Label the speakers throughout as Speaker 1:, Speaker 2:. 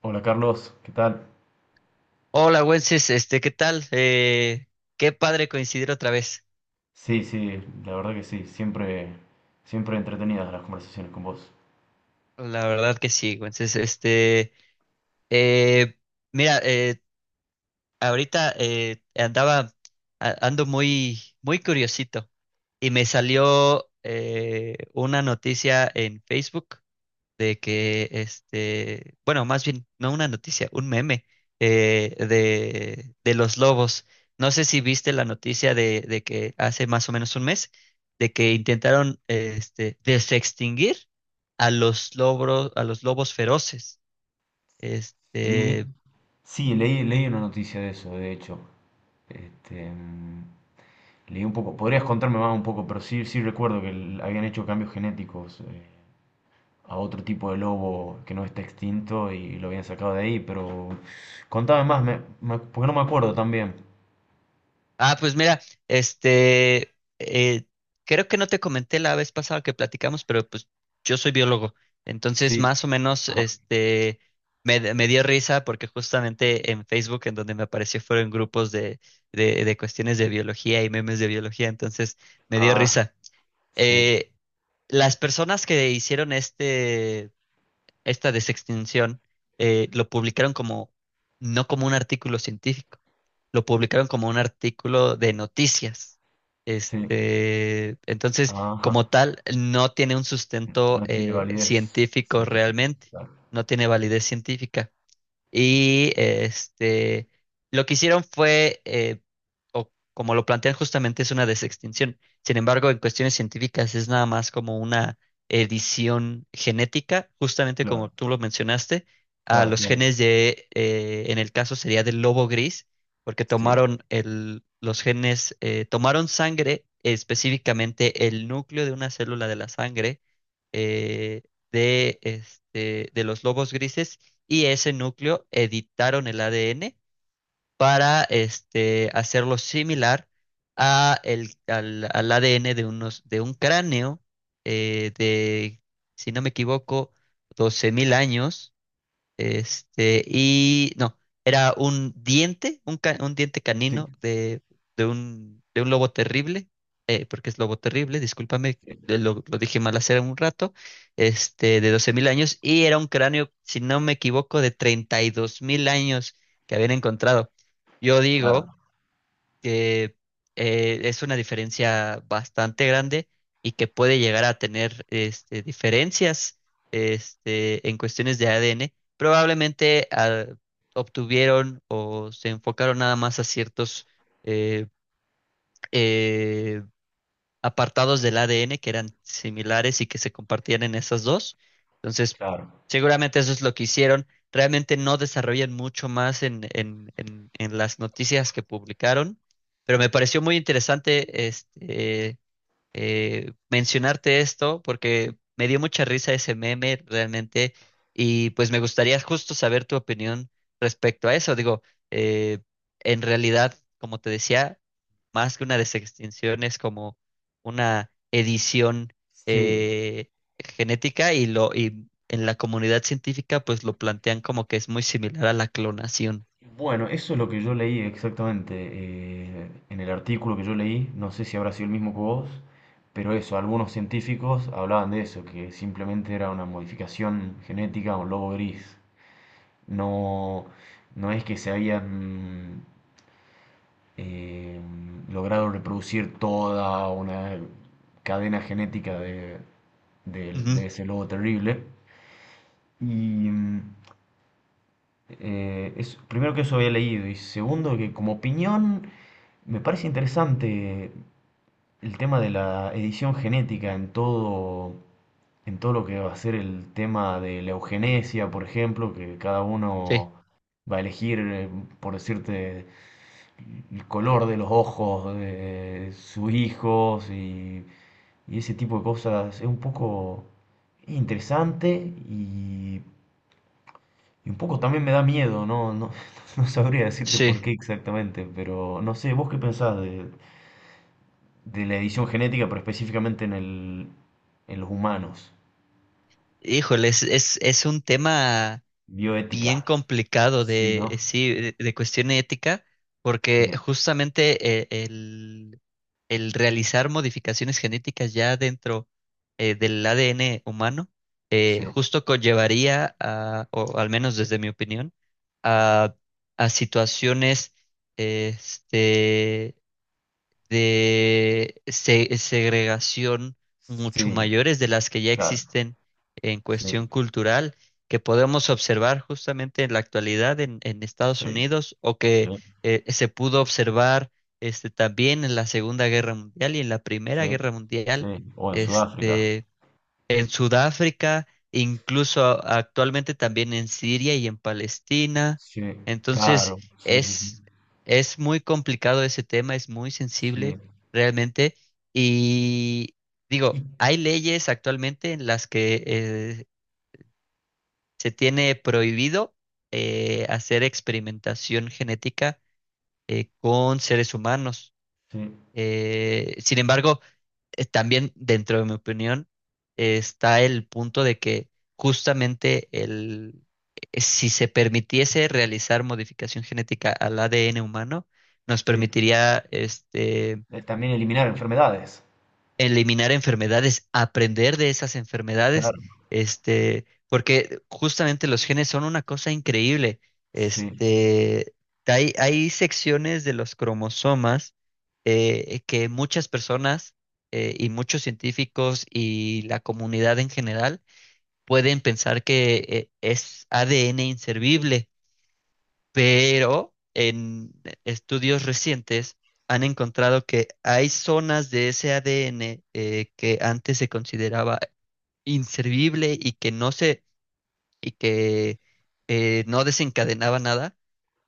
Speaker 1: Hola Carlos, ¿qué tal?
Speaker 2: Hola, Wences, ¿qué tal? Qué padre coincidir otra vez.
Speaker 1: Sí, sí, la verdad que sí, siempre, siempre entretenidas las conversaciones con vos.
Speaker 2: La verdad que sí, Wences, eh, mira, ahorita ando muy, muy curiosito, y me salió una noticia en Facebook de que, bueno, más bien, no una noticia, un meme, de los lobos. No sé si viste la noticia de que hace más o menos un mes, de que intentaron desextinguir a los lobos feroces.
Speaker 1: Sí,
Speaker 2: Este,
Speaker 1: sí, leí una noticia de eso, de hecho. Este, leí un poco, podrías contarme más un poco, pero sí, sí recuerdo que habían hecho cambios genéticos a otro tipo de lobo que no está extinto y lo habían sacado de ahí, pero contame más, porque no me acuerdo tan bien.
Speaker 2: Ah, pues mira, este, eh, creo que no te comenté la vez pasada que platicamos, pero pues yo soy biólogo. Entonces
Speaker 1: Sí,
Speaker 2: más o menos,
Speaker 1: ajá,
Speaker 2: me dio risa porque justamente en Facebook, en donde me apareció, fueron grupos de cuestiones de biología y memes de biología. Entonces me dio
Speaker 1: ah,
Speaker 2: risa.
Speaker 1: sí,
Speaker 2: Eh, las personas que hicieron esta desextinción lo publicaron, como, no como un artículo científico, lo publicaron como un artículo de noticias.
Speaker 1: sí,
Speaker 2: Entonces,
Speaker 1: ajá.
Speaker 2: como tal, no tiene un sustento
Speaker 1: No tiene validez
Speaker 2: científico
Speaker 1: científica.
Speaker 2: realmente,
Speaker 1: Claro,
Speaker 2: no tiene validez científica. Y lo que hicieron fue, o como lo plantean justamente, es una desextinción. Sin embargo, en cuestiones científicas es nada más como una edición genética, justamente
Speaker 1: claro,
Speaker 2: como tú lo mencionaste, a
Speaker 1: claro,
Speaker 2: los
Speaker 1: claro.
Speaker 2: genes de, en el caso sería del lobo gris, porque
Speaker 1: Sí,
Speaker 2: tomaron los genes. Tomaron sangre, específicamente el núcleo de una célula de la sangre eh, de los lobos grises, y ese núcleo editaron el ADN para, hacerlo similar a al ADN de, de un cráneo eh, de, si no me equivoco, 12.000 años. Y no, era un diente, un diente
Speaker 1: sí,
Speaker 2: canino de, de un lobo terrible. Porque es lobo terrible, discúlpame,
Speaker 1: sí,
Speaker 2: lo dije mal hace un rato. De 12.000 años, y era un cráneo, si no me equivoco, de 32.000 años que habían encontrado. Yo digo
Speaker 1: claro,
Speaker 2: que es una diferencia bastante grande, y que puede llegar a tener, diferencias, en cuestiones de ADN. Probablemente obtuvieron o se enfocaron nada más a ciertos eh, eh, apartados del ADN que eran similares y que se compartían en esas dos. Entonces,
Speaker 1: claro.
Speaker 2: seguramente eso es lo que hicieron. Realmente no desarrollan mucho más en, en las noticias que publicaron, pero me pareció muy interesante, mencionarte esto, porque me dio mucha risa ese meme realmente, y pues me gustaría justo saber tu opinión respecto a eso. Digo, eh, en realidad, como te decía, más que una desextinción, es como una edición
Speaker 1: Sí.
Speaker 2: eh, genética. Y lo y en la comunidad científica pues lo plantean como que es muy similar a la clonación.
Speaker 1: Bueno, eso es lo que yo leí exactamente en el artículo que yo leí. No sé si habrá sido el mismo que vos, pero eso, algunos científicos hablaban de eso, que simplemente era una modificación genética a un lobo gris. No, no es que se habían eh, lograron reproducir toda una cadena genética de,
Speaker 2: Ujú.
Speaker 1: de ese lobo terrible. Y mm, es, primero que eso había leído y segundo que como opinión me parece interesante el tema de la edición genética en todo lo que va a ser el tema de la eugenesia, por ejemplo, que cada
Speaker 2: Sí,
Speaker 1: uno va a elegir, por decirte, el color de los ojos de sus hijos y ese tipo de cosas es un poco interesante y, y un poco también me da miedo, ¿no? No, no sabría decirte
Speaker 2: sí.
Speaker 1: por qué exactamente, pero no sé, ¿vos qué pensás de la edición genética, pero específicamente en el, en los humanos?
Speaker 2: Híjole, es un tema bien
Speaker 1: Bioética.
Speaker 2: complicado
Speaker 1: Sí, ¿no?
Speaker 2: sí, de cuestión ética, porque
Speaker 1: Sí,
Speaker 2: justamente, el realizar modificaciones genéticas ya dentro, del ADN humano,
Speaker 1: sí,
Speaker 2: justo conllevaría a, o al menos desde mi opinión, a, a situaciones, este, de segregación mucho
Speaker 1: sí,
Speaker 2: mayores de las que ya
Speaker 1: claro,
Speaker 2: existen en
Speaker 1: sí,
Speaker 2: cuestión cultural, que podemos observar justamente en la actualidad en, Estados
Speaker 1: sí,
Speaker 2: Unidos, o
Speaker 1: sí,
Speaker 2: que se pudo observar, también en la Segunda Guerra Mundial y en la Primera
Speaker 1: sí,
Speaker 2: Guerra Mundial.
Speaker 1: sí, o en Sudáfrica.
Speaker 2: Este, en Sudáfrica, incluso actualmente también en Siria y en Palestina.
Speaker 1: Sí,
Speaker 2: Entonces,
Speaker 1: claro, sí, sí, sí,
Speaker 2: es, es muy complicado ese tema, es muy
Speaker 1: sí,
Speaker 2: sensible realmente. Y
Speaker 1: y-
Speaker 2: digo, hay leyes actualmente en las que se tiene prohibido hacer experimentación genética con seres humanos.
Speaker 1: sí,
Speaker 2: Sin embargo, también dentro de mi opinión, está el punto de que justamente si se permitiese realizar modificación genética al ADN humano, nos
Speaker 1: sí.
Speaker 2: permitiría,
Speaker 1: También eliminar enfermedades,
Speaker 2: eliminar enfermedades, aprender de esas enfermedades,
Speaker 1: claro,
Speaker 2: porque justamente los genes son una cosa increíble.
Speaker 1: sí,
Speaker 2: Este, hay, secciones de los cromosomas que muchas personas, y muchos científicos, y la comunidad en general, pueden pensar que es ADN inservible, pero en estudios recientes han encontrado que hay zonas de ese ADN que antes se consideraba inservible, y que y que no desencadenaba nada,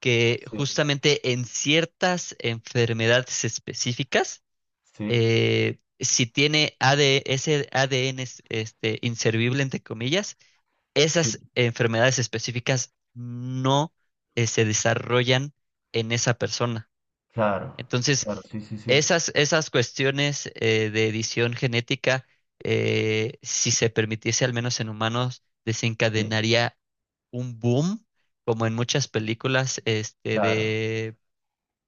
Speaker 2: que
Speaker 1: sí,
Speaker 2: justamente en ciertas enfermedades específicas,
Speaker 1: sí,
Speaker 2: si tiene AD ese ADN inservible, entre comillas,
Speaker 1: sí,
Speaker 2: esas enfermedades específicas no se desarrollan en esa persona.
Speaker 1: claro,
Speaker 2: Entonces,
Speaker 1: claro, sí, sí, sí,
Speaker 2: esas cuestiones de edición genética, si se permitiese al menos en humanos,
Speaker 1: sí,
Speaker 2: desencadenaría un boom, como en muchas películas,
Speaker 1: claro,
Speaker 2: de,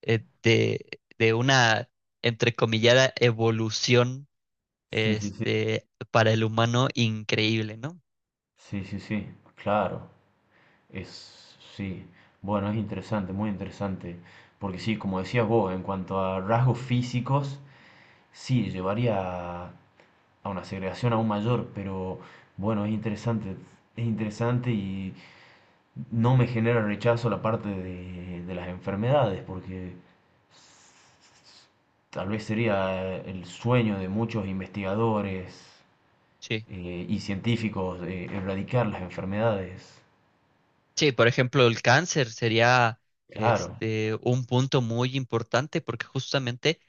Speaker 2: eh, de, de una entrecomillada evolución,
Speaker 1: sí, sí, sí,
Speaker 2: para el humano increíble, ¿no?
Speaker 1: sí, sí, sí, claro, es, sí, bueno, es interesante, muy interesante, porque sí, como decías vos, en cuanto a rasgos físicos, sí, llevaría a una segregación aún mayor, pero bueno, es interesante y... No me genera rechazo la parte de las enfermedades, porque tal vez sería el sueño de muchos investigadores
Speaker 2: Sí.
Speaker 1: y científicos erradicar las enfermedades.
Speaker 2: Sí, por ejemplo, el cáncer sería,
Speaker 1: Claro,
Speaker 2: un punto muy importante, porque justamente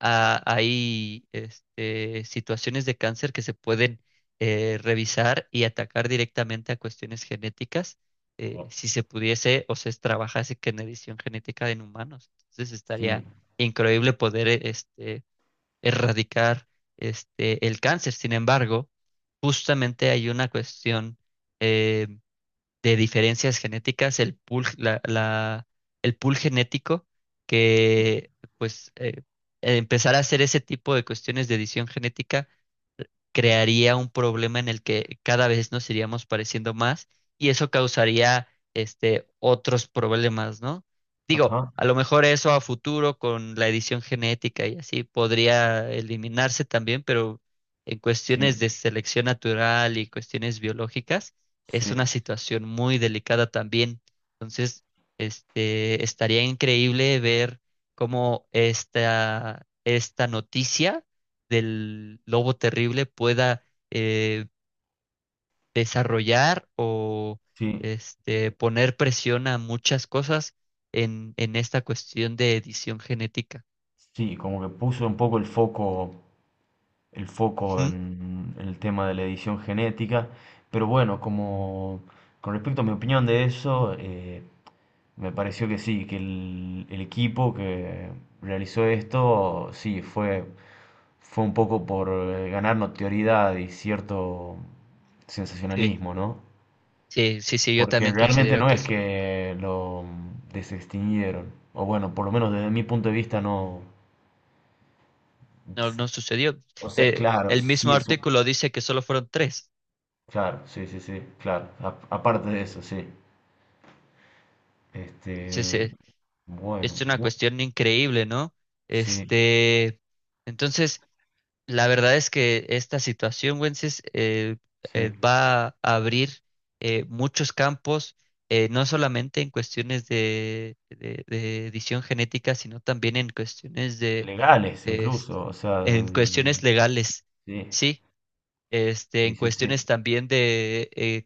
Speaker 2: hay, situaciones de cáncer que se pueden revisar y atacar directamente a cuestiones genéticas, si se pudiese o se trabajase con edición genética en humanos. Entonces
Speaker 1: sí,
Speaker 2: estaría increíble poder, erradicar, el cáncer. Sin embargo, justamente hay una cuestión eh, de diferencias genéticas, el pool, el pool genético, que pues empezar a hacer ese tipo de cuestiones de edición genética crearía un problema en el que cada vez nos iríamos pareciendo más, y eso causaría, otros problemas, ¿no? Digo,
Speaker 1: ajá,
Speaker 2: a lo mejor eso a futuro, con la edición genética y así, podría eliminarse también, pero en cuestiones
Speaker 1: sí,
Speaker 2: de selección natural y cuestiones biológicas es
Speaker 1: sí,
Speaker 2: una situación muy delicada también. Entonces, estaría increíble ver cómo esta, noticia del lobo terrible, pueda eh, desarrollar, o
Speaker 1: sí,
Speaker 2: poner presión a muchas cosas en, esta cuestión de edición genética.
Speaker 1: sí, como que puso un poco el foco
Speaker 2: Ujú.
Speaker 1: en el tema de la edición genética. Pero bueno, como con respecto a mi opinión de eso, me pareció que sí, que el equipo que realizó esto, sí, fue, fue un poco por ganar notoriedad y cierto
Speaker 2: Sí,
Speaker 1: sensacionalismo, ¿no?
Speaker 2: sí, sí, sí, yo
Speaker 1: Porque
Speaker 2: también
Speaker 1: realmente
Speaker 2: considero
Speaker 1: no
Speaker 2: que
Speaker 1: es
Speaker 2: eso
Speaker 1: que lo desextinguieron. O bueno, por lo menos desde mi punto de vista no.
Speaker 2: no, no sucedió.
Speaker 1: O sea,
Speaker 2: Eh,
Speaker 1: claro,
Speaker 2: el
Speaker 1: sí
Speaker 2: mismo
Speaker 1: es un,
Speaker 2: artículo dice que solo fueron tres.
Speaker 1: claro, sí, sí, sí, claro. Aparte de eso, sí. Este,
Speaker 2: Entonces,
Speaker 1: bueno,
Speaker 2: es una cuestión increíble, ¿no?
Speaker 1: sí,
Speaker 2: Este, entonces, la verdad es que esta situación, Wences,
Speaker 1: sí.
Speaker 2: va a abrir, muchos campos, no solamente en cuestiones de edición genética, sino también en cuestiones de,
Speaker 1: Legales
Speaker 2: es-
Speaker 1: incluso, o sea,
Speaker 2: en cuestiones legales,
Speaker 1: sí,
Speaker 2: sí,
Speaker 1: sí,
Speaker 2: en
Speaker 1: sí, sí.
Speaker 2: cuestiones también de, eh,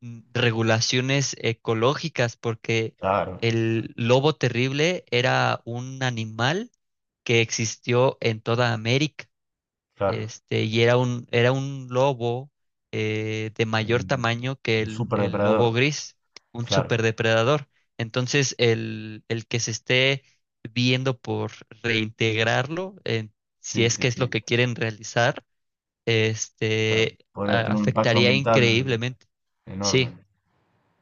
Speaker 2: mm, regulaciones ecológicas, porque
Speaker 1: Claro,
Speaker 2: el lobo terrible era un animal que existió en toda América,
Speaker 1: claro.
Speaker 2: y era un, lobo, de
Speaker 1: Un,
Speaker 2: mayor tamaño que
Speaker 1: un
Speaker 2: el
Speaker 1: superdepredador,
Speaker 2: lobo gris, un
Speaker 1: claro.
Speaker 2: superdepredador. Entonces, el que se esté viendo por reintegrarlo, si
Speaker 1: Sí,
Speaker 2: es
Speaker 1: sí,
Speaker 2: que es lo
Speaker 1: sí,
Speaker 2: que quieren realizar,
Speaker 1: claro.
Speaker 2: este,
Speaker 1: Podría tener un impacto
Speaker 2: afectaría
Speaker 1: ambiental
Speaker 2: increíblemente.
Speaker 1: enorme.
Speaker 2: Sí,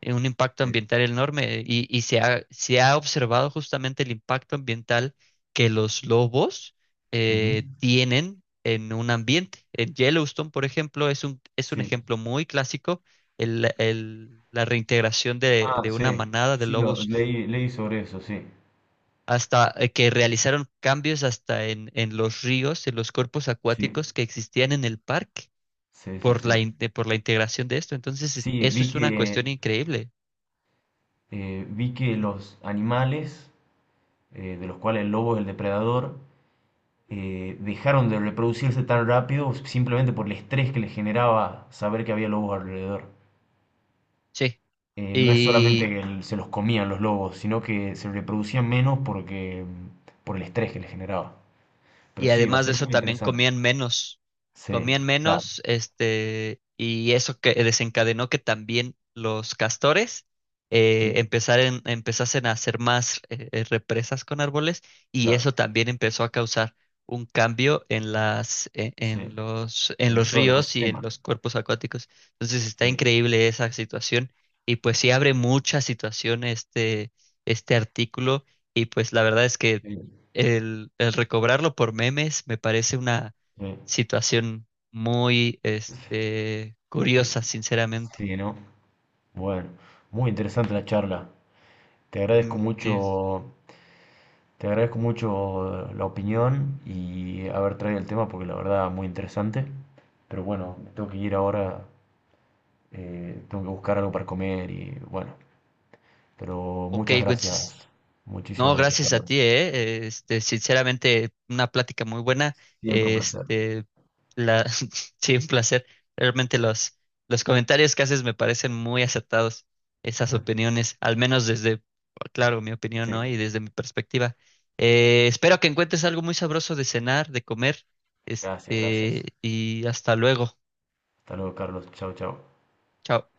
Speaker 2: un impacto
Speaker 1: Sí.
Speaker 2: ambiental enorme, y, se ha, observado justamente el impacto ambiental que los lobos
Speaker 1: Ujú,
Speaker 2: tienen en un ambiente. En Yellowstone, por ejemplo, es un
Speaker 1: sí.
Speaker 2: ejemplo muy clásico. La reintegración
Speaker 1: Ah,
Speaker 2: de una
Speaker 1: sí,
Speaker 2: manada de
Speaker 1: sí, lo,
Speaker 2: lobos,
Speaker 1: leí sobre eso, sí.
Speaker 2: hasta que realizaron cambios hasta en, los ríos, en los cuerpos
Speaker 1: Sí,
Speaker 2: acuáticos que existían en el parque,
Speaker 1: sí, sí,
Speaker 2: por
Speaker 1: sí.
Speaker 2: la, integración de esto. Entonces,
Speaker 1: Sí,
Speaker 2: eso es una cuestión increíble.
Speaker 1: vi que
Speaker 2: Dime.
Speaker 1: los animales, de los cuales el lobo es el depredador, dejaron de reproducirse tan rápido simplemente por el estrés que les generaba saber que había lobos alrededor.
Speaker 2: Sí.
Speaker 1: No es solamente que se los comían los lobos, sino que se reproducían menos porque por el estrés que les generaba. Pero
Speaker 2: Y
Speaker 1: sí, va a
Speaker 2: además de
Speaker 1: ser
Speaker 2: eso,
Speaker 1: muy
Speaker 2: también
Speaker 1: interesante. Sí,
Speaker 2: comían
Speaker 1: claro,
Speaker 2: menos, y eso que desencadenó que también los castores
Speaker 1: sí,
Speaker 2: empezasen a hacer más, represas con árboles, y
Speaker 1: claro,
Speaker 2: eso también empezó a causar un cambio en las, e-
Speaker 1: sí,
Speaker 2: en
Speaker 1: en
Speaker 2: los
Speaker 1: todo el
Speaker 2: ríos y en
Speaker 1: ecosistema.
Speaker 2: los cuerpos acuáticos. Entonces está
Speaker 1: Sí,
Speaker 2: increíble esa situación, y pues sí abre mucha situación, este artículo, y pues la verdad es que
Speaker 1: sí,
Speaker 2: el recobrarlo por memes me parece una
Speaker 1: sí,
Speaker 2: situación muy,
Speaker 1: sí,
Speaker 2: curiosa, sinceramente.
Speaker 1: sí, ¿no? Bueno, muy interesante la charla. Te agradezco
Speaker 2: Mm, es-
Speaker 1: mucho, te agradezco mucho la opinión y haber traído el tema porque la verdad muy interesante. Pero bueno, me tengo que ir ahora, tengo que buscar algo para comer y bueno. Pero
Speaker 2: ok,
Speaker 1: muchas
Speaker 2: güey, entonces.
Speaker 1: gracias, muchísimas
Speaker 2: No,
Speaker 1: gracias,
Speaker 2: gracias a
Speaker 1: Carlos.
Speaker 2: ti. Sinceramente, una plática muy buena.
Speaker 1: Siempre un placer.
Speaker 2: Este, sí, un placer. Realmente los comentarios que haces me parecen muy acertados, esas opiniones, al menos desde, claro, mi opinión,
Speaker 1: Sí,
Speaker 2: ¿no? Y desde mi perspectiva. Espero que encuentres algo muy sabroso de cenar, de comer.
Speaker 1: gracias,
Speaker 2: Este,
Speaker 1: gracias.
Speaker 2: y hasta luego.
Speaker 1: Hasta luego, Carlos. Chao, chao.
Speaker 2: Chao.